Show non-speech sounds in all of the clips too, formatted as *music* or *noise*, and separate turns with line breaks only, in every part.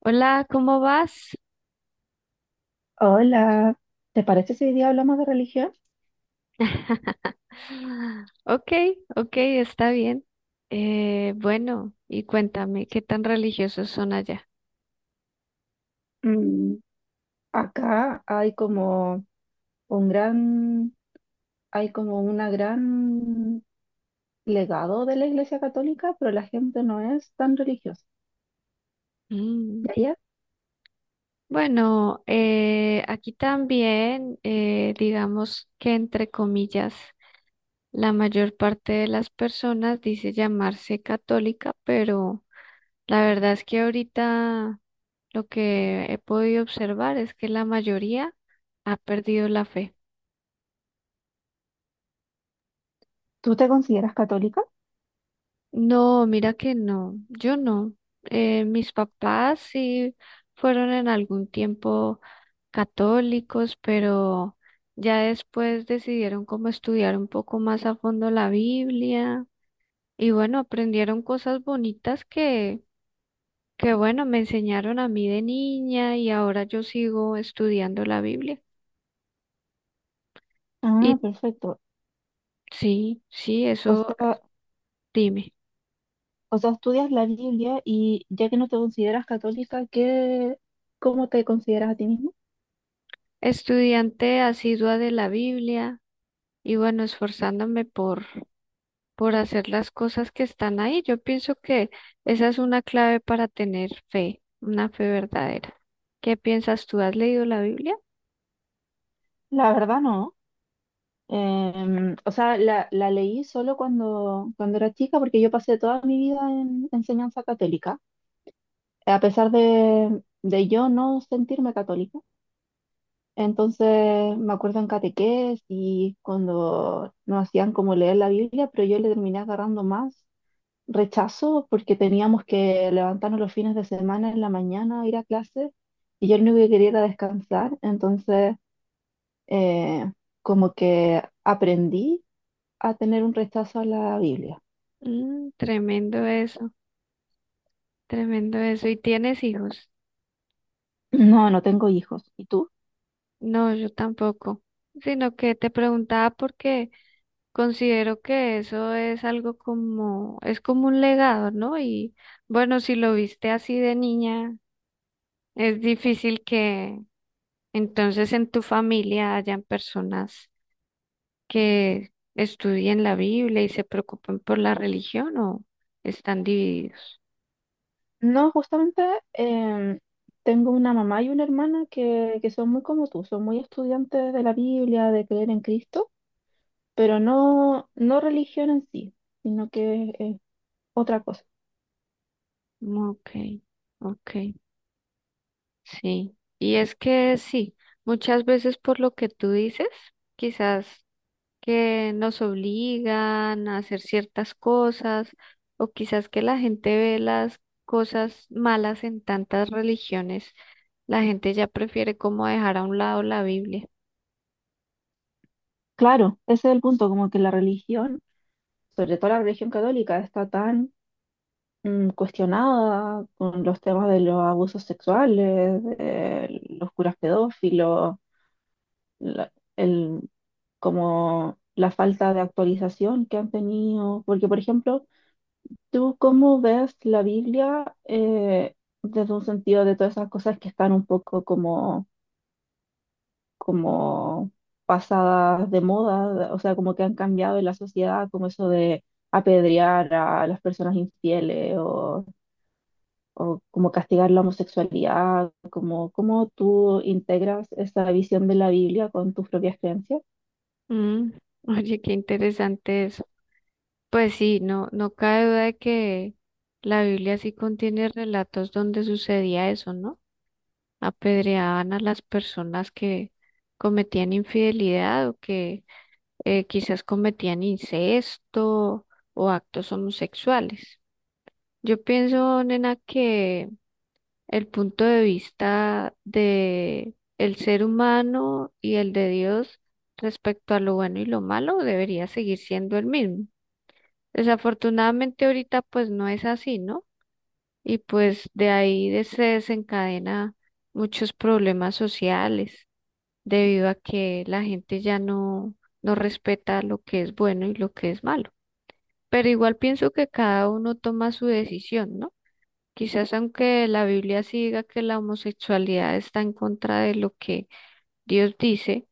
Hola, ¿cómo vas?
Hola, ¿te parece si hoy día hablamos de religión?
*laughs* Ok, ok, está bien. Bueno, y cuéntame, ¿qué tan religiosos son allá?
Mm, acá hay como un gran, hay como una gran legado de la Iglesia Católica, pero la gente no es tan religiosa.
Mm,
¿Ya, ya?
bueno, aquí también, digamos que entre comillas, la mayor parte de las personas dice llamarse católica, pero la verdad es que ahorita lo que he podido observar es que la mayoría ha perdido la fe.
¿Tú te consideras católica?
No, mira que no, yo no. Mis papás sí fueron en algún tiempo católicos, pero ya después decidieron como estudiar un poco más a fondo la Biblia y bueno, aprendieron cosas bonitas que bueno, me enseñaron a mí de niña y ahora yo sigo estudiando la Biblia.
Ah,
Y
perfecto.
sí, sí,
O
eso.
sea,
Dime.
o sea, estudias la Biblia y ya que no te consideras católica, ¿qué, cómo te consideras a ti mismo?
Estudiante asidua de la Biblia y bueno, esforzándome por hacer las cosas que están ahí. Yo pienso que esa es una clave para tener fe, una fe verdadera. ¿Qué piensas tú? ¿Has leído la Biblia?
La verdad no. O sea, la leí solo cuando era chica porque yo pasé toda mi vida en enseñanza católica, a pesar de yo no sentirme católica. Entonces me acuerdo en catequesis y cuando nos hacían como leer la Biblia, pero yo le terminé agarrando más rechazo porque teníamos que levantarnos los fines de semana en la mañana, ir a clase y yo lo único que quería era descansar. Entonces, eh, como que aprendí a tener un rechazo a la Biblia.
Mm, tremendo eso, tremendo eso. ¿Y tienes hijos?
No, no tengo hijos. ¿Y tú?
No, yo tampoco. Sino que te preguntaba porque considero que eso es algo como, es como un legado, ¿no? Y bueno, si lo viste así de niña, es difícil que entonces en tu familia hayan personas que estudien la Biblia y se preocupen por la religión o ¿están divididos?
No, justamente em, tengo una mamá y una hermana que son muy como tú, son muy estudiantes de la Biblia, de creer en Cristo, pero no, no religión en sí, sino que es otra cosa.
Ok, ok, sí. Y es que sí, muchas veces por lo que tú dices, quizás que nos obligan a hacer ciertas cosas o quizás que la gente ve las cosas malas en tantas religiones, la gente ya prefiere como dejar a un lado la Biblia.
Claro, ese es el punto, como que la religión, sobre todo la religión católica, está tan cuestionada con los temas de los abusos sexuales, de los curas pedófilos, la- el, como la falta de actualización que han tenido. Porque, por ejemplo, ¿tú cómo ves la Biblia, desde un sentido de todas esas cosas que están un poco como, como pasadas de moda? O sea, como que han cambiado en la sociedad, como eso de apedrear a las personas infieles o como castigar la homosexualidad, como, ¿cómo tú integras esa visión de la Biblia con tus propias creencias?
Mm, oye, qué interesante eso. Pues sí, no, no cabe duda de que la Biblia sí contiene relatos donde sucedía eso, ¿no? Apedreaban a las personas que cometían infidelidad o que quizás cometían incesto o actos homosexuales. Yo pienso, nena, que el punto de vista de el ser humano y el de Dios respecto a lo bueno y lo malo debería seguir siendo el mismo. Desafortunadamente ahorita pues no es así, ¿no? Y pues de ahí se desencadena muchos problemas sociales debido a que la gente ya no, no respeta lo que es bueno y lo que es malo. Pero igual pienso que cada uno toma su decisión, ¿no? Quizás aunque la Biblia sí diga que la homosexualidad está en contra de lo que Dios dice,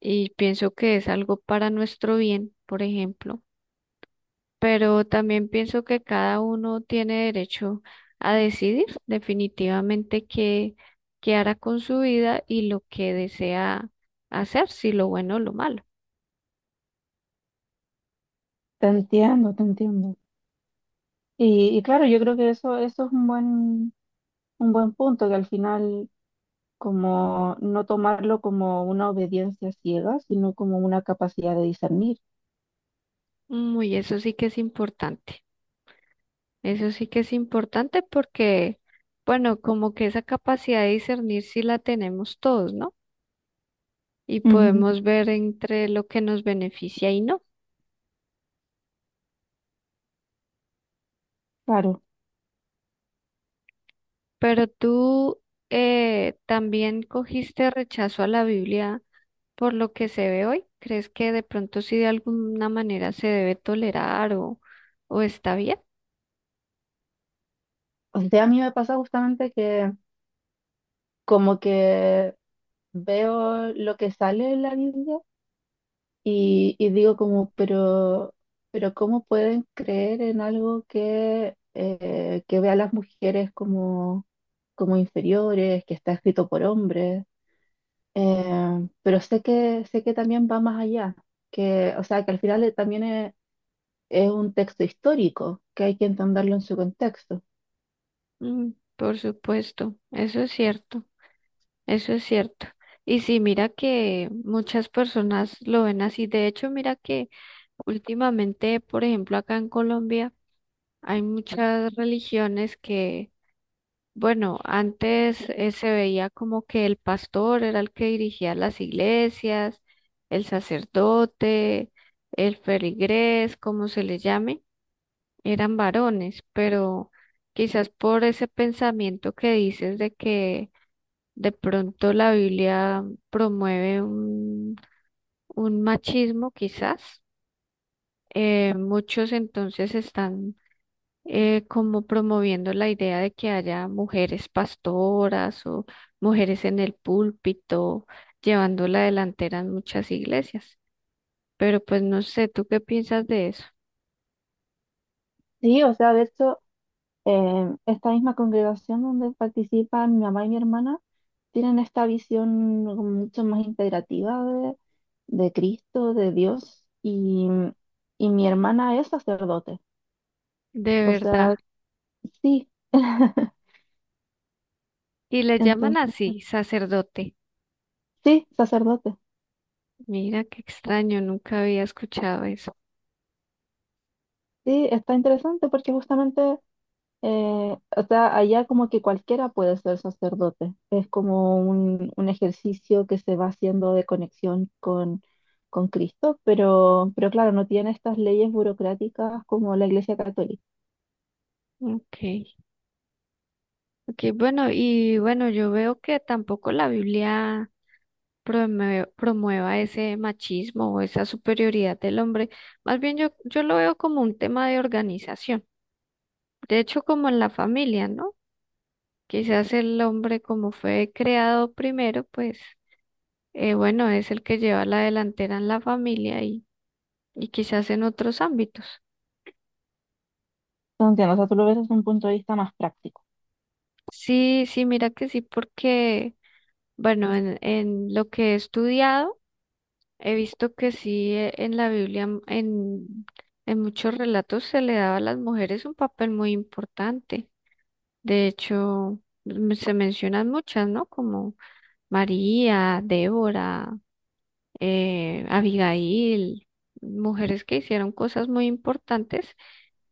y pienso que es algo para nuestro bien, por ejemplo, pero también pienso que cada uno tiene derecho a decidir definitivamente qué, qué hará con su vida y lo que desea hacer, si lo bueno o lo malo.
Te entiendo, te entiendo. Y claro, yo creo que eso es un buen punto, que al final como no tomarlo como una obediencia ciega, sino como una capacidad de discernir.
Muy, eso sí que es importante. Eso sí que es importante porque, bueno, como que esa capacidad de discernir sí la tenemos todos, ¿no? Y
Ujú.
podemos ver entre lo que nos beneficia y no.
Claro.
Pero tú también cogiste rechazo a la Biblia. Por lo que se ve hoy, ¿crees que de pronto sí de alguna manera se debe tolerar o está bien?
O sea, a mí me pasa justamente que como que veo lo que sale en la Biblia. Y digo como, pero ¿cómo pueden creer en algo que ve a las mujeres como, como inferiores, que está escrito por hombres? Pero sé que también va más allá, que, o sea, que al final, también es un texto histórico, que hay que entenderlo en su contexto.
Mm, por supuesto, eso es cierto, eso es cierto. Y sí, mira que muchas personas lo ven así. De hecho, mira que últimamente, por ejemplo, acá en Colombia hay muchas religiones que bueno, antes se veía como que el pastor era el que dirigía las iglesias, el sacerdote, el feligrés, como se le llame, eran varones, pero quizás por ese pensamiento que dices de que de pronto la Biblia promueve un machismo, quizás, muchos entonces están como promoviendo la idea de que haya mujeres pastoras o mujeres en el púlpito, llevando la delantera en muchas iglesias. Pero pues no sé, ¿tú qué piensas de eso?
Sí, o sea, de hecho... esta misma congregación donde participan mi mamá y mi hermana tienen esta visión como mucho más integrativa de Cristo, de Dios, y mi hermana es sacerdote.
De
O sea,
verdad.
sí, *laughs*
Y le llaman
entonces,
así, sacerdote.
sí, sacerdote.
Mira, qué extraño, nunca había escuchado eso.
Sí, está interesante porque justamente Eh, o sea, allá como que cualquiera puede ser sacerdote. Es como un ejercicio que se va haciendo de conexión con Cristo, pero claro, no tiene estas leyes burocráticas como la Iglesia Católica.
Ok, ok, bueno, y bueno, yo veo que tampoco la Biblia promueva ese machismo o esa superioridad del hombre. Más bien yo, yo lo veo como un tema de organización. De hecho, como en la familia, ¿no? Quizás el hombre, como fue creado primero, pues, bueno, es el que lleva la delantera en la familia y quizás en otros ámbitos.
Te entiendo, o sea, tú lo ves desde un punto de vista más práctico.
Sí, sí, mira que sí, porque, bueno, en lo que he estudiado, he visto que sí, en la Biblia, en muchos relatos se le daba a las mujeres un papel muy importante. De hecho, se mencionan muchas, ¿no? Como María, Débora, Abigail, mujeres que hicieron cosas muy importantes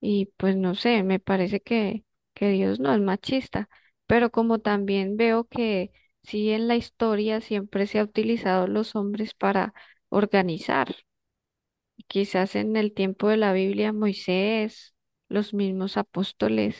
y pues no sé, me parece que Dios no es machista, pero como también veo que sí en la historia siempre se ha utilizado los hombres para organizar. Quizás en el tiempo de la Biblia, Moisés, los mismos apóstoles.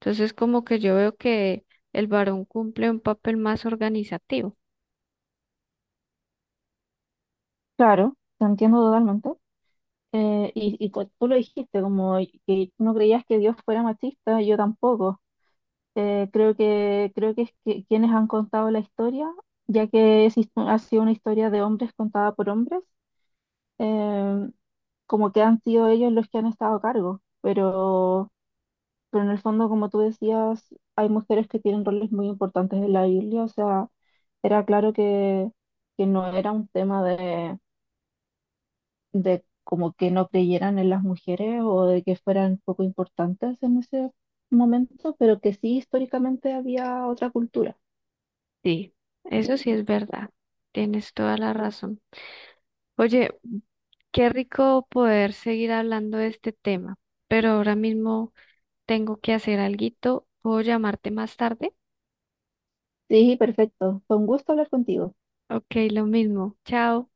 Entonces, como que yo veo que el varón cumple un papel más organizativo.
Claro, te entiendo totalmente. Tú lo dijiste, como que no creías que Dios fuera machista, yo tampoco. Creo creo que quienes han contado la historia, ya que ha sido una historia de hombres contada por hombres, eh, como que han sido ellos los que han estado a cargo. Pero en el fondo, como tú decías, hay mujeres que tienen roles muy importantes en la Biblia. O sea, era claro que no era un tema de como que no creyeran en las mujeres o de que fueran poco importantes en ese momento, pero que sí históricamente había otra cultura.
Sí, eso sí es verdad. Tienes toda la razón. Oye, qué rico poder seguir hablando de este tema, pero ahora mismo tengo que hacer alguito. ¿Puedo llamarte más tarde?
Sí, perfecto. Fue un gusto hablar contigo.
Ok, lo mismo. Chao.